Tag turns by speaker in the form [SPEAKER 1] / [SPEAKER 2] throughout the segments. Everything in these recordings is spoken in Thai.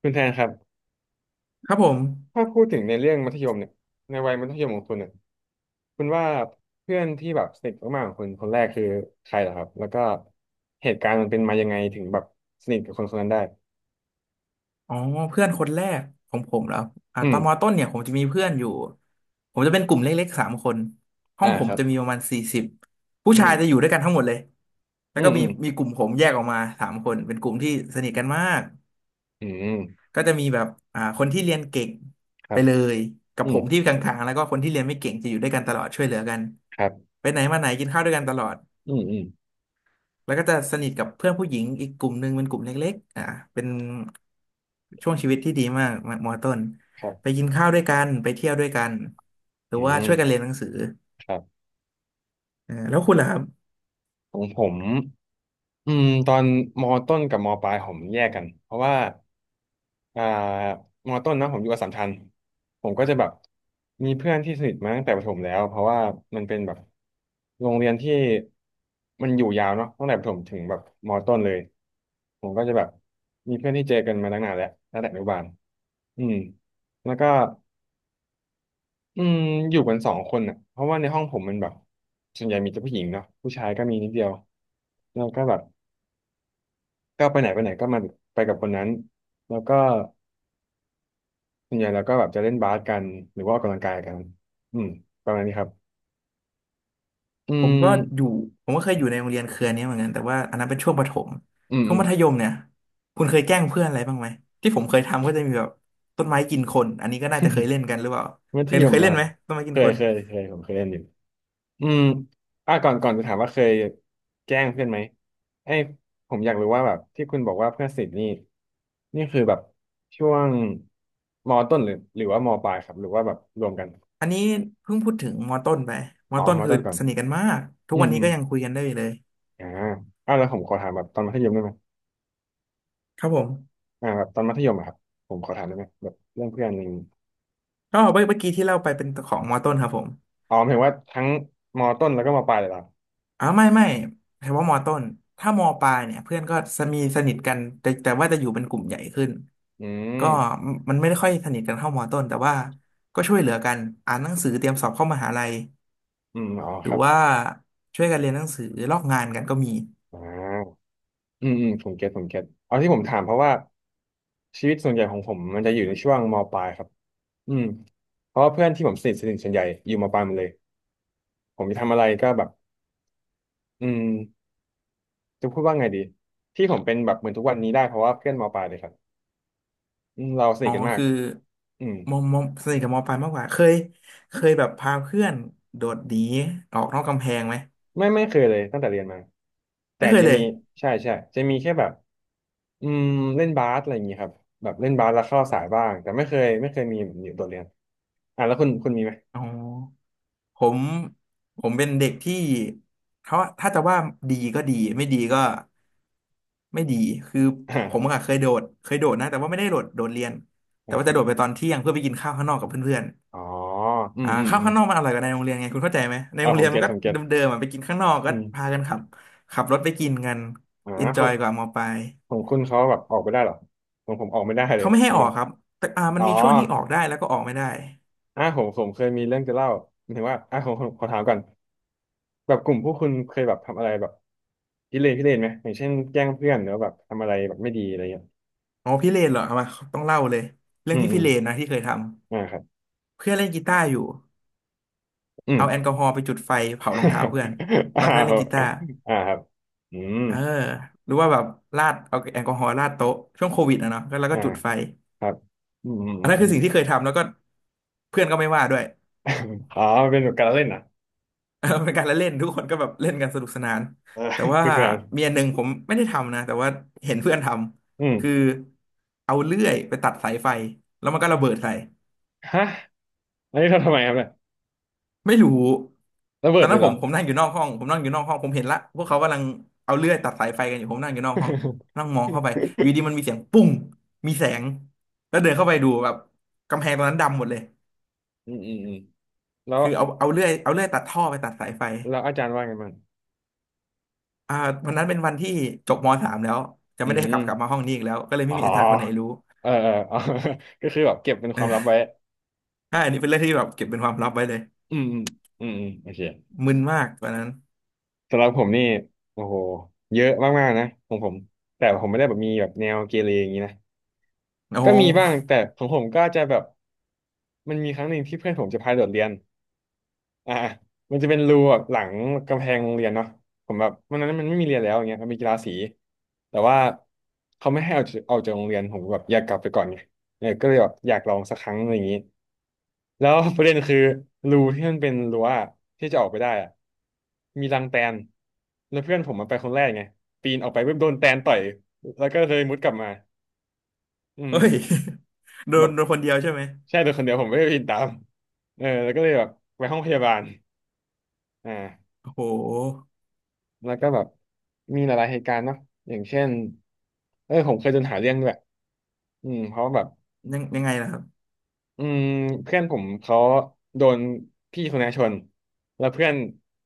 [SPEAKER 1] คุณแทนครับ
[SPEAKER 2] ครับผม
[SPEAKER 1] ถ้าพูดถึงในเรื่องมัธยมเนี่ยในวัยมัธยมของคุณเนี่ยคุณว่าเพื่อนที่แบบสนิทมากๆของคุณคนแรกคือใครเหรอครับ แล้วก็เหตุการณ์มันเป็นมายังไงถึงแบบสนิทกับคนคนนั้นได้
[SPEAKER 2] อ๋อเพื่อนคนแรกของผมแล้ว
[SPEAKER 1] อื
[SPEAKER 2] ต
[SPEAKER 1] ม
[SPEAKER 2] อนมต้นเนี่ยผมจะมีเพื่อนอยู่ผมจะเป็นกลุ่มเล็กๆสามคนห้อ
[SPEAKER 1] อ่า
[SPEAKER 2] งผ
[SPEAKER 1] ค
[SPEAKER 2] ม
[SPEAKER 1] รับ
[SPEAKER 2] จะมีประมาณ40ผู้
[SPEAKER 1] อื
[SPEAKER 2] ชา
[SPEAKER 1] ม
[SPEAKER 2] ยจะอยู่ด้วยกันทั้งหมดเลยแล้
[SPEAKER 1] อื
[SPEAKER 2] วก็
[SPEAKER 1] ม
[SPEAKER 2] มี
[SPEAKER 1] อืม
[SPEAKER 2] มีกลุ่มผมแยกออกมาสามคนเป็นกลุ่มที่สนิทกันมาก
[SPEAKER 1] อืม
[SPEAKER 2] ก็จะมีแบบคนที่เรียนเก่ง
[SPEAKER 1] ครั
[SPEAKER 2] ไป
[SPEAKER 1] บ
[SPEAKER 2] เลยกับ
[SPEAKER 1] อื
[SPEAKER 2] ผ
[SPEAKER 1] ม
[SPEAKER 2] มที่กลางๆแล้วก็คนที่เรียนไม่เก่งจะอยู่ด้วยกันตลอดช่วยเหลือกัน
[SPEAKER 1] ครับ
[SPEAKER 2] ไปไหนมาไหนกินข้าวด้วยกันตลอด
[SPEAKER 1] อืมอืม
[SPEAKER 2] แล้วก็จะสนิทกับเพื่อนผู้หญิงอีกกลุ่มหนึ่งเป็นกลุ่มเล็กๆเป็นช่วงชีวิตที่ดีมากมอต้น
[SPEAKER 1] ครั
[SPEAKER 2] ไป
[SPEAKER 1] บ
[SPEAKER 2] กินข้าวด้วยกันไปเที่ยวด้วยกันหรือ
[SPEAKER 1] อื
[SPEAKER 2] ว่าช่วยกัน
[SPEAKER 1] ม
[SPEAKER 2] เรียนหนังสือ
[SPEAKER 1] ครับ
[SPEAKER 2] แล้วคุณล่ะครับ
[SPEAKER 1] ของผม ตอนมต้นกับมปลายผมแยกกันเพราะว่าอ่ามอต้นนะผมอยู่อัสสัมชัญผมก็จะแบบมีเพื่อนที่สนิทมาตั้งแต่ประถมแล้วเพราะว่ามันเป็นแบบโรงเรียนที่มันอยู่ยาวเนาะตั้งแต่ประถมถึงแบบมอต้นเลยผมก็จะแบบมีเพื่อนที่เจอกันมาตั้งนานแล้วตั้งแต่อนุบาลอืมแล้วก็อืมอยู่กันสองคนอ่ะเพราะว่าในห้องผมมันแบบส่วนใหญ่มีแต่ผู้หญิงเนาะผู้ชายก็มีนิดเดียวแล้วก็แบบ ก็ไปไหนไปไหนก็มาไปกับคนนั้นแล้วก็ส่วนใหญ่เราก็แบบจะเล่นบาสกันหรือว่าออกกำลังกายกันอืมประมาณนี้ครับอื
[SPEAKER 2] ผม
[SPEAKER 1] ม
[SPEAKER 2] ก็อยู่ผมก็เคยอยู่ในโรงเรียนเครือนี้เหมือนกันแต่ว่าอันนั้นเป็นช่วงประถม
[SPEAKER 1] อืม
[SPEAKER 2] ช่ว
[SPEAKER 1] อื
[SPEAKER 2] ง
[SPEAKER 1] ม
[SPEAKER 2] มัธยมเนี่ยคุณเคยแกล้งเพื่อนอะไรบ้างไหมที่ผมเคยทำก็จะมีแบบต้นไม้กินคนอันนี้ก็น่าจะเคยเล่นกันหรือเปล่า
[SPEAKER 1] มัธ
[SPEAKER 2] เคย
[SPEAKER 1] ยม
[SPEAKER 2] เค
[SPEAKER 1] เห
[SPEAKER 2] ย
[SPEAKER 1] รอ
[SPEAKER 2] เล่
[SPEAKER 1] ค
[SPEAKER 2] น
[SPEAKER 1] รับ
[SPEAKER 2] ไหมต้นไม้กินคน
[SPEAKER 1] เคยผมเคยเล่นอยู่อืมอ่ะก่อนจะถามว่าเคยแกล้งเพื่อนไหมไอ้ยผมอยากรู้ว่าแบบที่คุณบอกว่าเพื่อนสนิทนี่นี่คือแบบช่วงมต้นหรือว่ามปลายครับหรือว่าแบบรวมกัน
[SPEAKER 2] อันนี้เพิ่งพูดถึงมอต้นไปมอ
[SPEAKER 1] อ๋อ
[SPEAKER 2] ต้น
[SPEAKER 1] ม
[SPEAKER 2] คือ
[SPEAKER 1] ต้นก่อน
[SPEAKER 2] สนิทกันมากทุก
[SPEAKER 1] อื
[SPEAKER 2] วั
[SPEAKER 1] ม
[SPEAKER 2] นนี้
[SPEAKER 1] อืม
[SPEAKER 2] ก็ยังคุยกันได้อยู่เลย
[SPEAKER 1] อ่าอ่ะแล้วผมขอถามแบบตอนมัธยมได้ไหม
[SPEAKER 2] ครับผม
[SPEAKER 1] อ่าแบบตอนมัธยมอะครับผมขอถามได้ไหมแบบเรื่องเพื่อนอะไรอย่างงี้
[SPEAKER 2] ก็เมื่อกี้ที่เล่าไปเป็นของมอต้นครับผม
[SPEAKER 1] อ๋อหมายถึงว่าทั้งมต้นแล้วก็มปลายเลยเหรอ
[SPEAKER 2] อ๋อไม่ไม่เฉพาะมอต้นถ้ามอปลายเนี่ยเพื่อนก็จะมีสนิทกันแต่ว่าจะอยู่เป็นกลุ่มใหญ่ขึ้น
[SPEAKER 1] อื
[SPEAKER 2] ก็
[SPEAKER 1] ม
[SPEAKER 2] มันไม่ได้ค่อยสนิทกันเท่ามอต้นแต่ว่าก็ช่วยเหลือกันอ่านหนังสือเตรียมสอบเข้ามหาลัย
[SPEAKER 1] อืมอ๋อ
[SPEAKER 2] หรื
[SPEAKER 1] ค
[SPEAKER 2] อ
[SPEAKER 1] รับ
[SPEAKER 2] ว่าช่วยกันเรียนหนังสือลอกงานกันก็มี
[SPEAKER 1] อ่าอืมอืมผมเก็ตเอาที่ผมถามเพราะว่าชีวิตส่วนใหญ่ของผมมันจะอยู่ในช่วงมปลายครับอืมเพราะว่าเพื่อนที่ผมสนิทส่วนใหญ่อยู่มปลายหมดเลยผมจะทำอะไรก็แบบอืมจะพูดว่าไงดีที่ผมเป็นแบบเหมือนทุกวันนี้ได้เพราะว่าเพื่อนมปลายเลยครับอืมเราสนิ
[SPEAKER 2] อ๋อ
[SPEAKER 1] ทกันมาก
[SPEAKER 2] คือ
[SPEAKER 1] อืม
[SPEAKER 2] มอสนิทกับมอปลายมากกว่าเคยแบบพาเพื่อนโดดหนีออกนอกกำแพงไหม
[SPEAKER 1] ไม่เคยเลยตั้งแต่เรียนมาแต่
[SPEAKER 2] ไม่เคย
[SPEAKER 1] จะ
[SPEAKER 2] เล
[SPEAKER 1] มี
[SPEAKER 2] ย
[SPEAKER 1] ใช่ใช่จะมีแค่แบบอืมเล่นบาสอะไรอย่างงี้ครับแบบเล่นบาสแล้วเข้าสายบ้างแต่ไม่เคยมีแบบนี้โดดเรียนอ่ะแล้วคุณมีไหม
[SPEAKER 2] อ๋อ ผมผมเป็นเด็กที่เขาถ้าจะว่าดีก็ดีไม่ดีก็ไม่ดีคือ
[SPEAKER 1] อ่า
[SPEAKER 2] ผมอะเคยโดดนะแต่ว่าไม่ได้โดดเรียนแต่
[SPEAKER 1] นะ
[SPEAKER 2] ว่า
[SPEAKER 1] ครั
[SPEAKER 2] จะ
[SPEAKER 1] บ
[SPEAKER 2] โดดไปตอนเที่ยงเพื่อไปกินข้าวข้างนอกกับเพื่อน
[SPEAKER 1] อ๋ออื
[SPEAKER 2] ๆ
[SPEAKER 1] มอืม
[SPEAKER 2] ข้าว
[SPEAKER 1] อืม
[SPEAKER 2] ข้างนอกมันอร่อยกว่าในโรงเรียนไงคุณเข้าใจไหมใน
[SPEAKER 1] เออ
[SPEAKER 2] โรง
[SPEAKER 1] ผ
[SPEAKER 2] เรี
[SPEAKER 1] ม
[SPEAKER 2] ยน
[SPEAKER 1] เก็
[SPEAKER 2] มั
[SPEAKER 1] ต
[SPEAKER 2] นก็
[SPEAKER 1] ผมเก็ต
[SPEAKER 2] เดิมๆอะไปกินข้างนอกก็
[SPEAKER 1] อืม
[SPEAKER 2] พากันขับขับรถไปกินกัน
[SPEAKER 1] อ่า
[SPEAKER 2] เอนจ
[SPEAKER 1] ขอ
[SPEAKER 2] อ
[SPEAKER 1] ง
[SPEAKER 2] ยกว่ามอปลาย
[SPEAKER 1] ของคุณเขาแบบออกไปได้เหรอของผมออกไม่ได้เล
[SPEAKER 2] เขา
[SPEAKER 1] ย
[SPEAKER 2] ไม่ให้อ
[SPEAKER 1] เรี
[SPEAKER 2] อ
[SPEAKER 1] ย
[SPEAKER 2] ก
[SPEAKER 1] น
[SPEAKER 2] ครับแต่มั
[SPEAKER 1] อ๋
[SPEAKER 2] น
[SPEAKER 1] อ
[SPEAKER 2] มีช่วงที่ออกได้แล้วก็ออกไม่ได้
[SPEAKER 1] อ่ะผมเคยมีเรื่องจะเล่าหมายถึงว่าอ่ะผมขอถามก่อนแบบกลุ่มพวกคุณเคยแบบทำอะไรแบบพิเรนไหมอย่างเช่นแกล้งเพื่อนหรือว่าแบบทำอะไรแบบไม่ดีอะไรเงี้ย
[SPEAKER 2] อ๋อพี่เลนเหรอเอามาต้องเล่าเลยเรื่อ
[SPEAKER 1] อื
[SPEAKER 2] ง
[SPEAKER 1] ม
[SPEAKER 2] ที่
[SPEAKER 1] อื
[SPEAKER 2] พี่
[SPEAKER 1] ม
[SPEAKER 2] เลนนะที่เคยท
[SPEAKER 1] อ่า
[SPEAKER 2] ำ
[SPEAKER 1] ครับ
[SPEAKER 2] เพื่อนเล่นกีตาร์อยู่
[SPEAKER 1] อืม
[SPEAKER 2] เอาแอลกอฮอล์ไปจุดไฟเผารองเท้าเพื่อน ต
[SPEAKER 1] อ่า
[SPEAKER 2] อนเพื่อน
[SPEAKER 1] ค
[SPEAKER 2] เล่
[SPEAKER 1] รั
[SPEAKER 2] น
[SPEAKER 1] บ
[SPEAKER 2] กีตาร์
[SPEAKER 1] อ่าครับอืม
[SPEAKER 2] เออหรือว่าแบบราดเอาแอลกอฮอล์ราดโต๊ะช่วงโควิดอะเนาะก็แล้วก็
[SPEAKER 1] อ่า
[SPEAKER 2] จุดไฟ
[SPEAKER 1] ครับอืมอืม
[SPEAKER 2] อั
[SPEAKER 1] อื
[SPEAKER 2] น
[SPEAKER 1] ม
[SPEAKER 2] นั้น
[SPEAKER 1] อ
[SPEAKER 2] คือ
[SPEAKER 1] ม
[SPEAKER 2] สิ่งที่เคยทำแล้วก็เพื่อนก็ไม่ว่าด้วย
[SPEAKER 1] อ๋อมันเป็นแบบการละเล่นอ่ะ
[SPEAKER 2] เออเป็นการละเล่นทุกคนก็แบบเล่นกันสนุกสนาน
[SPEAKER 1] เออ
[SPEAKER 2] แต่
[SPEAKER 1] ส
[SPEAKER 2] ว่า
[SPEAKER 1] นุกสนาน
[SPEAKER 2] มีอันหนึ่งผมไม่ได้ทำนะแต่ว่าเห็นเพื่อนท
[SPEAKER 1] อื
[SPEAKER 2] ำคือ
[SPEAKER 1] ม
[SPEAKER 2] เอาเลื่อยไปตัดสายไฟแล้วมันก็ระเบิดใส่
[SPEAKER 1] ฮะอันนี้ทำไมครับเนี่ย
[SPEAKER 2] ไม่รู้
[SPEAKER 1] ระ
[SPEAKER 2] ต
[SPEAKER 1] เบิ
[SPEAKER 2] อ
[SPEAKER 1] ด
[SPEAKER 2] น
[SPEAKER 1] เล
[SPEAKER 2] นั้
[SPEAKER 1] ย
[SPEAKER 2] น
[SPEAKER 1] เห
[SPEAKER 2] ผ
[SPEAKER 1] รอ
[SPEAKER 2] มผมนั่งอยู่นอกห้องผมนั่งอยู่นอกห้องผมเห็นละพวกเขากำลังเอาเลื่อยตัดสายไฟกันอยู่ผมนั่งอยู่นอกห้องนั่งมองเข้าไปอยู่ดีมันมีเสียงปุ้งมีแสงแล้วเดินเข้าไปดูแบบกำแพงตรงนั้นดำหมดเลย
[SPEAKER 1] อืมอืมอืมแล้ว
[SPEAKER 2] คือเอาเอาเลื่อยเอาเลื่อยตัดท่อไปตัดสายไฟ
[SPEAKER 1] แล้วอาจารย์ว่าไงบ้าง
[SPEAKER 2] อ่าวันนั้นเป็นวันที่จบมสามแล้วจะ
[SPEAKER 1] อื
[SPEAKER 2] ไม่ได้กลับมา
[SPEAKER 1] ม
[SPEAKER 2] ห้องนี้อีกแล้วก็เลย
[SPEAKER 1] อ๋
[SPEAKER 2] ไม่
[SPEAKER 1] อ
[SPEAKER 2] มีอาจารย์คนไหนรู้
[SPEAKER 1] เออเออเออ ก็คือแบบเก็บเป็นค
[SPEAKER 2] เอ
[SPEAKER 1] วามลับ
[SPEAKER 2] อ
[SPEAKER 1] ไว้
[SPEAKER 2] ใช่อันนี้เป็นเรื่องที่แบบเก็บเป็นความลับไว้เลย
[SPEAKER 1] อืมอืมอืมอืมโอเค
[SPEAKER 2] มึนมากตอนนั้น
[SPEAKER 1] สำหรับผมนี่โอ้โหเยอะมากๆนะของผมแต่ผมไม่ได้แบบมีแบบแนวเกเรอย่างนี้นะ
[SPEAKER 2] โอ้โห
[SPEAKER 1] ก็มีบ้างแต่ของผมก็จะแบบมันมีครั้งหนึ่งที่เพื่อนผมจะพาโดดเรียนอ่ามันจะเป็นรูแบบหลังกำแพงโรงเรียนเนาะผมแบบวันนั้นมันไม่มีเรียนแล้วอย่างเงี้ยมันมีกีฬาสีแต่ว่าเขาไม่ให้เอาจากโรงเรียนผมก็แบบอยากกลับไปก่อนไงเออก็เลยแบบอยากลองสักครั้งอะไรอย่างนี้ แล้ว ประเด็นคือรูที่มันเป็นรั้วอะที่จะออกไปได้อะมีรังแตนแล้วเพื่อนผมมันไปคนแรกไงปีนออกไปเพิ่มโดนแตนต่อยแล้วก็เลยมุดกลับมาอื
[SPEAKER 2] เฮ้
[SPEAKER 1] ม
[SPEAKER 2] ย โด
[SPEAKER 1] แบ
[SPEAKER 2] น
[SPEAKER 1] บ
[SPEAKER 2] โดนคนเดียวใช่ไหม
[SPEAKER 1] ใช่โดนคนเดียวผมไม่ได้ปีนตามเออแล้วก็เลยแบบไปห้องพยาบาลอ่า
[SPEAKER 2] โอ้โห
[SPEAKER 1] แล้วก็แบบมีหลายๆเหตุการณ์เนาะอย่างเช่นเออผมเคยโดนหาเรื่องด้วยอืมเพราะว่าแบบ
[SPEAKER 2] ยังไงล่ะ
[SPEAKER 1] อืมเพื่อนผมเขาโดนพี่คนนี้ชนแล้วเพื่อน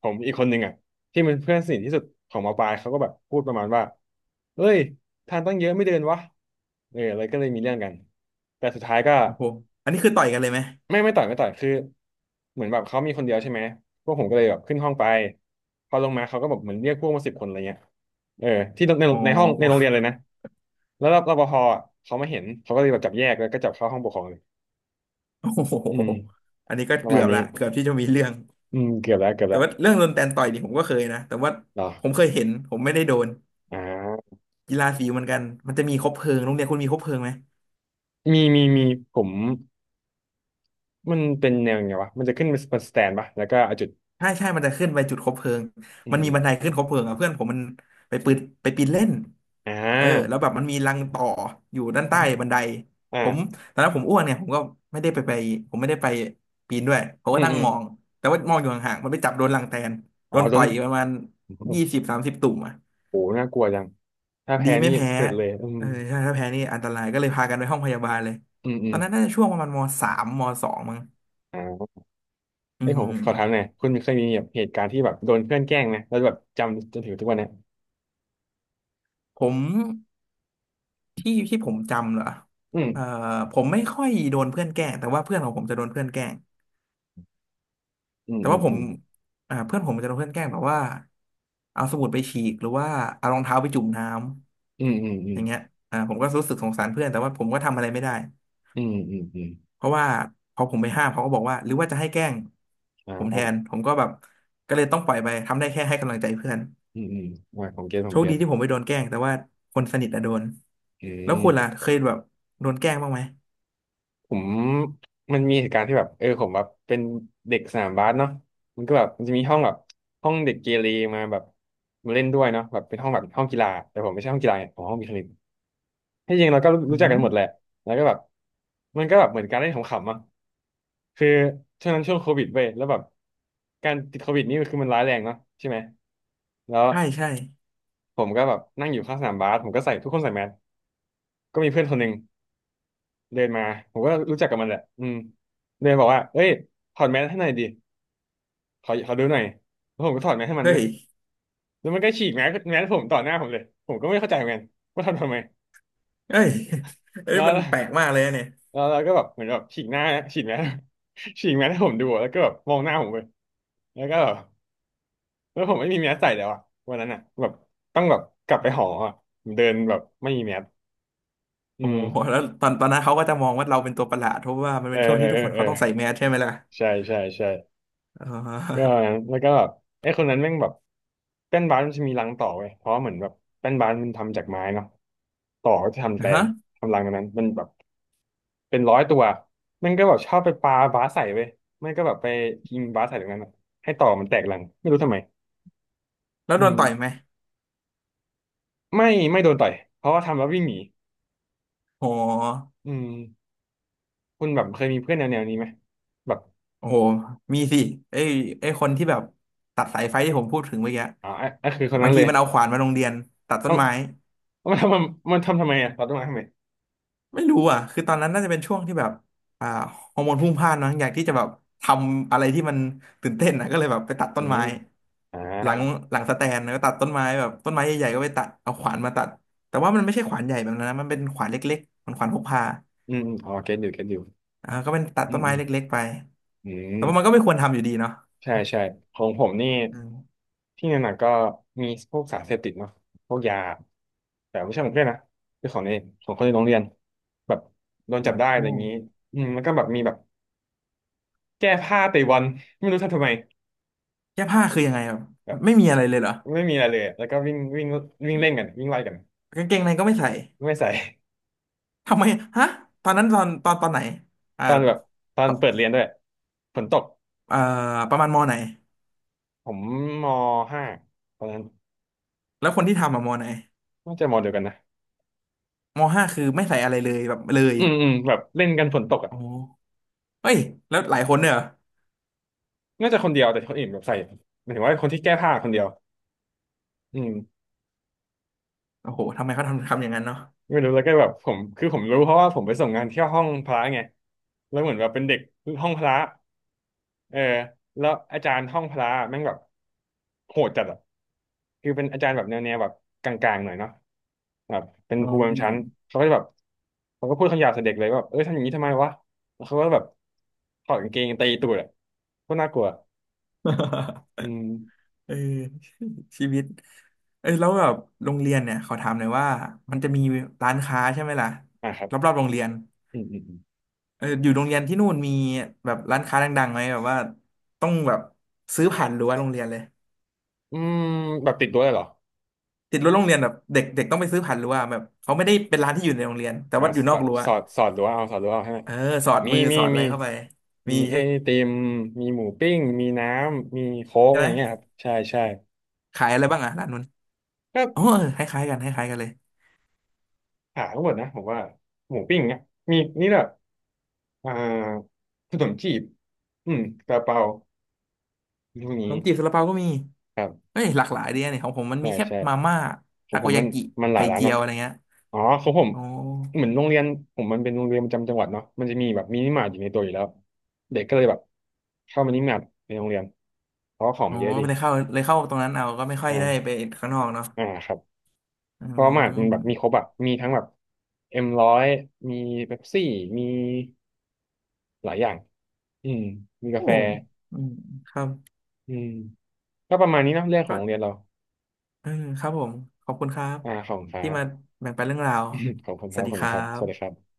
[SPEAKER 1] ผมอีกคนหนึ่งอ่ะที่เป็นเพื่อนสนิทที่สุดของมปลายเขาก็แบบพูดประมาณว่าเอ้ยทางตั้งเยอะไม่เดินวะเอออะไรก็เลยมีเรื่องกันแต่สุดท้ายก็
[SPEAKER 2] โอ้โหอันนี้คือต่อยกันเลยไหม
[SPEAKER 1] ไม่ต่อยไม่ต่อยคือเหมือนแบบเขามีคนเดียวใช่ไหมพวกผมก็เลยแบบขึ้นห้องไปพอลงมาเขาก็แบบเหมือนเรียกพวกมาสิบคนอะไรเงี้ยเออที่ใน
[SPEAKER 2] อ๋อ
[SPEAKER 1] ในห้องในโรงเรียนเลยนะแล้วรปภอะเขามาเห็นเขาก็เลยแบบจับแยกแล้วก็จับเข้าห้องปกครองเลย
[SPEAKER 2] โอ้โห
[SPEAKER 1] อืม
[SPEAKER 2] อันนี้ก็
[SPEAKER 1] ประ
[SPEAKER 2] เกื
[SPEAKER 1] มา
[SPEAKER 2] อ
[SPEAKER 1] ณ
[SPEAKER 2] บ
[SPEAKER 1] นี้
[SPEAKER 2] ละเกือบที่จะมีเรื่อง
[SPEAKER 1] อืมเกือบแล้วเกือบ
[SPEAKER 2] แต่
[SPEAKER 1] แล้ว
[SPEAKER 2] ว่าเรื่องโดนแตนต่อยนี่ผมก็เคยนะ แต่ว่า
[SPEAKER 1] เหรอ
[SPEAKER 2] ผมเคยเห็นผมไม่ได้โดน
[SPEAKER 1] อ่า
[SPEAKER 2] กีฬาสีเหมือนกัน มันจะมีคบเพลิงโรงเรียนคุณมีคบเพลิงไหม
[SPEAKER 1] มีมีมีผมมันเป็นแนวไงวะมันจะขึ้นเป็นสแตนปะแล้วก็เอาจุด
[SPEAKER 2] ใช่ใช่มันจะขึ้นไปจุดคบเพลิง
[SPEAKER 1] อื
[SPEAKER 2] มั
[SPEAKER 1] ม
[SPEAKER 2] น
[SPEAKER 1] อ
[SPEAKER 2] มี
[SPEAKER 1] ม
[SPEAKER 2] บันไดขึ้นคบเพลิงอ่ะเพื่อนผมมันไปปืนไปปีนเล่น
[SPEAKER 1] อ่
[SPEAKER 2] เออแล้
[SPEAKER 1] า
[SPEAKER 2] วแบบมันมีรังต่ออยู่ด้านใต้บันไดผม
[SPEAKER 1] อ่า
[SPEAKER 2] ตอนนั้นผมอ้วนเนี่ยผมก็ไม่ได้ไปผมไม่ได้ไปปีนด้วยผม
[SPEAKER 1] อื
[SPEAKER 2] ก็
[SPEAKER 1] ม
[SPEAKER 2] นั่ง
[SPEAKER 1] อืม
[SPEAKER 2] มองแต่ว่ามองอยู่ห่างๆมันไปจับโดนรังแตน
[SPEAKER 1] อ๋
[SPEAKER 2] โด
[SPEAKER 1] อ
[SPEAKER 2] น
[SPEAKER 1] โด
[SPEAKER 2] ต่อ
[SPEAKER 1] น
[SPEAKER 2] ยประมาณ
[SPEAKER 1] โ
[SPEAKER 2] 20-30ตุ่มอ่ะ
[SPEAKER 1] อ้โหน่ากลัวจังถ้า
[SPEAKER 2] ดี
[SPEAKER 1] แพ้
[SPEAKER 2] ไม่
[SPEAKER 1] นี่
[SPEAKER 2] แพ้
[SPEAKER 1] เสร็จเลยอืม
[SPEAKER 2] เออใช่ถ้าแพ้นี่อันตรายก็เลยพากันไปห้องพยาบาลเลย
[SPEAKER 1] อืมอื
[SPEAKER 2] ตอ
[SPEAKER 1] ม
[SPEAKER 2] นนั้นน่าจะช่วงประมาณมสามมสองมั้ง
[SPEAKER 1] อ่า
[SPEAKER 2] อื
[SPEAKER 1] เอ้ยผม
[SPEAKER 2] ม
[SPEAKER 1] ขอถามหน่อยคุณเคยมีแบบเหตุการณ์ที่แบบโดนเพื่อนแกล้งไหมแล้วแบบจำจนถึงทุกวันเนี้ย
[SPEAKER 2] ผม ที่ที่ผมจำเหรอ
[SPEAKER 1] อืม
[SPEAKER 2] เอ่อผมไม่ค่อยโดนเพื่อนแกล้งแต่ว่าเพื่อนของผมจะโดนเพื่อนแกล้ง
[SPEAKER 1] อืม
[SPEAKER 2] แต่
[SPEAKER 1] อื
[SPEAKER 2] ว่า
[SPEAKER 1] ม
[SPEAKER 2] ผ
[SPEAKER 1] อื
[SPEAKER 2] ม
[SPEAKER 1] ม
[SPEAKER 2] เพื่อนผมจะโดนเพื่อนแกล้งแบบว่าเอาสมุดไปฉีกหรือว่าเอารองเท้าไปจุ่มน้ำ
[SPEAKER 1] อืมอืมอื
[SPEAKER 2] อ
[SPEAKER 1] ม
[SPEAKER 2] ย่างเงี้ยผมก็รู้สึกสงสารเพื่อนแต่ว่าผมก็ทำอะไรไม่ได้
[SPEAKER 1] อืมอืมอืม
[SPEAKER 2] เพราะว่าพอผมไปห้ามเขาก็บอกว่าหรือว่าจะให้แกล้ง
[SPEAKER 1] อ่
[SPEAKER 2] ผมแทน
[SPEAKER 1] า
[SPEAKER 2] ผมก็แบบก็เลยต้องปล่อยไปทำได้แค่ให้กำลังใจเพื่อน
[SPEAKER 1] อืมอืมอ่าผมเก็ตผ
[SPEAKER 2] โช
[SPEAKER 1] ม
[SPEAKER 2] ค
[SPEAKER 1] เก็
[SPEAKER 2] ดี
[SPEAKER 1] ต
[SPEAKER 2] ที่ผมไม่โดนแกล้งแต่ว่าคนสนิทอะโดน
[SPEAKER 1] อื
[SPEAKER 2] แล้วคุณล่ะ
[SPEAKER 1] ม
[SPEAKER 2] เคยแบบโดนแกล้งบ้างไหม
[SPEAKER 1] ผมมันมีเหตุการณ์ที่แบบเออผมแบบเป็นเด็กสนามบาสเนาะมันก็แบบมันจะมีห้องแบบห้องเด็กเกเรมาแบบมาเล่นด้วยเนาะแบบเป็นห้องแบบห้องกีฬาแต่ผมไม่ใช่ห้องกีฬาไงผมห้องวิทย์คณิตที่จริงเราก็
[SPEAKER 2] อื
[SPEAKER 1] รู้จักกัน
[SPEAKER 2] ม
[SPEAKER 1] หมดแหละแล้วก็แบบมันก็แบบเหมือนการเล่นขำๆอ่ะคือช่วงนั้นช่วงโควิดเว้ยแล้วแบบการติดโควิดนี่คือมันร้ายแรงเนาะใช่ไหมแล้ว
[SPEAKER 2] ใช่ใช่
[SPEAKER 1] ผมก็แบบนั่งอยู่ข้างสนามบาสผมก็ใส่ทุกคนใส่แมสก็มีเพื่อนคนหนึ่งเดินมาผมก็รู้จักกับมันแหละอืมเดินบอกว่าเอ้ยถอดแมสให้หน่อยดิ ขอดูหน่อยแล้วผมก็ถอดแมสให้มัน
[SPEAKER 2] เฮ้
[SPEAKER 1] เว้ย
[SPEAKER 2] ย
[SPEAKER 1] แล้วมันก็ฉีกแมสผมต่อหน้าผมเลยผมก็ไม่เข้าใจเหมือนกันว่าทำไม
[SPEAKER 2] เอ้ยเอ้ย
[SPEAKER 1] แล้ว
[SPEAKER 2] มันแปลกมากเลยนะเนี่ย
[SPEAKER 1] แล้วเราก็แบบเหมือนแบบฉีกหน้าฉีกแมส ฉีกแมสให้ผมดูอะแล้วก็แบบมองหน้าผมไปแล้วก็แบบแล้วผมไม่มีแมสใส่แล้วอ่ะวันนั้นอ่ะแบบต้องแบบกลับไปหออ่ะผมเดินแบบไม่มีแมสอื
[SPEAKER 2] โอ้โห
[SPEAKER 1] ม
[SPEAKER 2] แล้วตอนตอนนั้นเขาก็จะมองว่าเราเป็นตัวประหลาดเพราะว่ามัน
[SPEAKER 1] เอ
[SPEAKER 2] เป็
[SPEAKER 1] อ
[SPEAKER 2] นช่วง
[SPEAKER 1] เออ
[SPEAKER 2] ที่
[SPEAKER 1] เอ
[SPEAKER 2] ทุก
[SPEAKER 1] อ
[SPEAKER 2] คน
[SPEAKER 1] เอ
[SPEAKER 2] เขา
[SPEAKER 1] อ
[SPEAKER 2] ต้องใส่แมสใช่ไหมล่ะ
[SPEAKER 1] ใช่ใช่ใช่
[SPEAKER 2] เอ
[SPEAKER 1] เรื่องอะ
[SPEAKER 2] อ
[SPEAKER 1] ไรนะแล้วก็แบบไอ้คนนั้นแม่งแบบแป้นบาสมันจะมีรังต่อเว้ยเพราะเหมือนแบบแป้นบาสมันทำจากไม้เนาะต่อก็จะทำแท
[SPEAKER 2] ฮะ
[SPEAKER 1] นทำรังตรงนั้นมันแบบเป็นร้อยตัวแมันก็แบบชอบไปปาบาสใส่เว้ยไม่ก็แบบไปยิงบาสใส่ตรงนั้นอะให้ต่อมันแตกรังไม่รู้ทำไม
[SPEAKER 2] แล้ว
[SPEAKER 1] อื
[SPEAKER 2] โดน
[SPEAKER 1] ม
[SPEAKER 2] ต่อยไหม
[SPEAKER 1] ไม่ไม่โดนต่อยเพราะว่าทำแล้ววิ่งหนี
[SPEAKER 2] โอ้โห
[SPEAKER 1] อืมคุณแบบเคยมีเพื่อนแนวนี้ไหมแบบ
[SPEAKER 2] โอ้โหมีสิไอ้ไอ้คนที่แบบตัดสายไฟที่ผมพูดถึงเมื่อกี้
[SPEAKER 1] อ๋อไอ้คือคน
[SPEAKER 2] บา
[SPEAKER 1] นั้
[SPEAKER 2] ง
[SPEAKER 1] นเล
[SPEAKER 2] ที
[SPEAKER 1] ย
[SPEAKER 2] มันเอาขวานมาโรงเรียนตัดต้
[SPEAKER 1] เอ้า
[SPEAKER 2] นไม้
[SPEAKER 1] เอามันทำทำไมอ่ะเราต้องมาทำไม
[SPEAKER 2] ไม่รู้อ่ะคือตอนนั้นน่าจะเป็นช่วงที่แบบอ่าฮอร์โมนพรุ่งพล่านมั้งอยากที่จะแบบทำอะไรที่มันตื่นเต้นนะก็เลยแบบไปตัด
[SPEAKER 1] อื
[SPEAKER 2] ต้น
[SPEAKER 1] ม
[SPEAKER 2] ไม้
[SPEAKER 1] อ่า
[SPEAKER 2] หลังหลังสแตนก็ตัดต้นไม้แบบต้นไม้ใหญ่ๆก็ไปตัดเอาขวานมาตัด แต่ว่ามันไม่ใช่ขวานใหญ่แบบนั้นนะมันเป็นขวานเล็กๆมันขวานพกพา
[SPEAKER 1] อืมอืมอ๋อเก็ตอยู่เก็ตอยู่
[SPEAKER 2] ก็เป็นตัด
[SPEAKER 1] อื
[SPEAKER 2] ต้
[SPEAKER 1] ม
[SPEAKER 2] น
[SPEAKER 1] อื
[SPEAKER 2] ไม้
[SPEAKER 1] ม
[SPEAKER 2] เล็กๆไป
[SPEAKER 1] อื
[SPEAKER 2] แต่ว่ามันก็
[SPEAKER 1] ม
[SPEAKER 2] ไม่ควรทำอยู่ดีเนาะ
[SPEAKER 1] ใช่ใช่ของผมนี่
[SPEAKER 2] อืม
[SPEAKER 1] ที่หนักๆก็มีพวกสารเสพติดเนาะพวกยาแต่ไม่ใช่ของเพื่อนนะคือของในของคนในโรงเรียนแบบโดนจั
[SPEAKER 2] โอ้
[SPEAKER 1] บได้
[SPEAKER 2] โห
[SPEAKER 1] อะไรอย่างนี้อืมแล้วก็แบบมีแบบแก้ผ้าเตะบอลไม่รู้ทำไม
[SPEAKER 2] แก้ผ้าคือยังไงแบบ
[SPEAKER 1] แบบ
[SPEAKER 2] ไม่มีอะไรเลยเหรอ
[SPEAKER 1] ไม่มีอะไรเลยอะแล้วก็วิ่งวิ่งวิ่งเล่นกันวิ่งไล่กัน
[SPEAKER 2] กางเกงในก็ไม่ใส่
[SPEAKER 1] ไม่ใส่
[SPEAKER 2] ทำไมฮะตอนนั้นตอนไหนอ่า
[SPEAKER 1] ตอนแบบตอน
[SPEAKER 2] ปะ
[SPEAKER 1] เปิดเรียนด้วยฝนตก
[SPEAKER 2] อ่าประมาณมอไหน
[SPEAKER 1] ผมมห้าตอนนั้น
[SPEAKER 2] แล้วคนที่ทำอะมอไหน
[SPEAKER 1] น่าจะมเดียวกันนะ
[SPEAKER 2] มอห้าคือไม่ใส่อะไรเลยแบบเลย
[SPEAKER 1] อืมอืมแบบเล่นกันฝนตกอะ
[SPEAKER 2] โอ้เฮ้ยแล้วหลายคนเนี่ยเหรอ
[SPEAKER 1] น่าจะคนเดียวแต่คนอื่นแบบใส่หมายถึงว่าคนที่แก้ผ้าคนเดียวอืม
[SPEAKER 2] โอ้โหทำไมเขาทำทำอย่างนั้นเนาะ
[SPEAKER 1] ไม่รู้แล้วก็แบบผมคือผมรู้เพราะว่าผมไปส่งงานที่ห้องพระไงแล้วเหมือนแบบเป็นเด็กห้องพระเออแล้วอาจารย์ห้องพระแม่งแบบโหดจัดอ่ะคือเป็นอาจารย์แบบแนวแบบกลางๆหน่อยเนาะแบบเป็น
[SPEAKER 2] อ๋
[SPEAKER 1] ครูประจำชั้น
[SPEAKER 2] อ
[SPEAKER 1] เขาก็จะแบบเขาก็พูดคำหยาบใส่เด็กเลยว่าแบบเอ้ยทำอย่างนี้ทำไมวะแล้วเขาก็แบบถอดกางเกงตีตูดอ่ะก็น่ากลัว อืม
[SPEAKER 2] เออชีวิตเอ้ยแล้วแบบโรงเรียนเนี่ยขอถามหน่อยว่ามันจะมีร้านค้าใช่ไหมล่ะ
[SPEAKER 1] อ่ะครั
[SPEAKER 2] ร
[SPEAKER 1] บ
[SPEAKER 2] อบๆโรงเรียน
[SPEAKER 1] อืมอืม
[SPEAKER 2] เอออยู่โรงเรียนที่นู่นมีแบบร้านค้าดังๆไหมแบบว่าต้องแบบซื้อผ่านรั้วโรงเรียนเลย
[SPEAKER 1] อืมแบบติดรั้วเลยเหรอ
[SPEAKER 2] ติดรั้วโรงเรียนแบบเด็กเด็กต้องไปซื้อผ่านรั้วแบบเขาไม่ได้เป็นร้านที่อยู่ในโรงเรียนแต่
[SPEAKER 1] อ่ะ
[SPEAKER 2] ว่าอยู่น
[SPEAKER 1] แบ
[SPEAKER 2] อก
[SPEAKER 1] บ
[SPEAKER 2] รั้ว
[SPEAKER 1] สอดรั้วเอาสอดรั้วเอาให้ไหม
[SPEAKER 2] เออสอด
[SPEAKER 1] มี
[SPEAKER 2] มือ
[SPEAKER 1] มี
[SPEAKER 2] สอดอะไร
[SPEAKER 1] มี
[SPEAKER 2] เข้าไปมี
[SPEAKER 1] มีไอ
[SPEAKER 2] ใช่
[SPEAKER 1] ติมมีหมูปิ้งมีน้ำมีโค้กอะไร
[SPEAKER 2] ไห
[SPEAKER 1] เงี้ยค
[SPEAKER 2] ม
[SPEAKER 1] รับใช่ใช่
[SPEAKER 2] ขายอะไรบ้างอ่ะร้านนู้น
[SPEAKER 1] ก็
[SPEAKER 2] โอ้คล้ายๆกันคล้ายๆกันเลย
[SPEAKER 1] หาทั้งหมดนะผมว่าหมูปิ้งเนี่ยมีนี่แหละอ่าขนมจีบอืมซาลาเปาพวก
[SPEAKER 2] ขน
[SPEAKER 1] นี้
[SPEAKER 2] มจีบซาลาเปาก็มี
[SPEAKER 1] ครับ
[SPEAKER 2] เอ้ยหลากหลายดีนะเนี่ยของผมมัน
[SPEAKER 1] ใช่
[SPEAKER 2] มีแค่
[SPEAKER 1] ใช่
[SPEAKER 2] มาม่า
[SPEAKER 1] ผม
[SPEAKER 2] ทา
[SPEAKER 1] ผ
[SPEAKER 2] โก
[SPEAKER 1] มมั
[SPEAKER 2] ยา
[SPEAKER 1] น
[SPEAKER 2] กิ
[SPEAKER 1] มันหลา
[SPEAKER 2] ไข่
[SPEAKER 1] ยร้าน
[SPEAKER 2] เจีย
[SPEAKER 1] เนาะ
[SPEAKER 2] วอะไรเงี้ย
[SPEAKER 1] อ๋อของผม
[SPEAKER 2] ออ
[SPEAKER 1] เหมือนโรงเรียนผมมันเป็นโรงเรียนประจำจังหวัดเนาะมันจะมีแบบมินิมาร์ทอยู่ในตัวอยู่แล้วเด็กก็เลยแบบเข้ามินิมาร์ทในโรงเรียนเพราะว่าของมันเยอะดี
[SPEAKER 2] ไเลยเข้าเลยเข้าตรงนั้นเอาก็ไม่ค่อยได้ไป
[SPEAKER 1] อ่า
[SPEAKER 2] ข้างนอกเนาะ
[SPEAKER 1] อ่าครับ
[SPEAKER 2] อื
[SPEAKER 1] เพราะว่ามาร์ทมันแบบมีคร
[SPEAKER 2] ม
[SPEAKER 1] บอะมีทั้งแบบเอ็มร้อยมีเป๊ปซี่มีหลายอย่างอืมมีกา
[SPEAKER 2] โอ้
[SPEAKER 1] แฟ
[SPEAKER 2] อืมครับ
[SPEAKER 1] อืมก็ประมาณนี้เนอะเรื่องของ
[SPEAKER 2] ก็
[SPEAKER 1] โรงเรียนเรา
[SPEAKER 2] เออครับผมขอบคุณครับ
[SPEAKER 1] อ่าขอบคุณครั
[SPEAKER 2] ที่
[SPEAKER 1] บ
[SPEAKER 2] มาแบ่งปันเรื่องราว
[SPEAKER 1] ขอบคุณ
[SPEAKER 2] ส
[SPEAKER 1] ครั
[SPEAKER 2] วั
[SPEAKER 1] บ
[SPEAKER 2] ส
[SPEAKER 1] ข
[SPEAKER 2] ดี
[SPEAKER 1] อบ
[SPEAKER 2] ค
[SPEAKER 1] คุณ
[SPEAKER 2] รั
[SPEAKER 1] ครับสวัสดีครั
[SPEAKER 2] บ
[SPEAKER 1] บ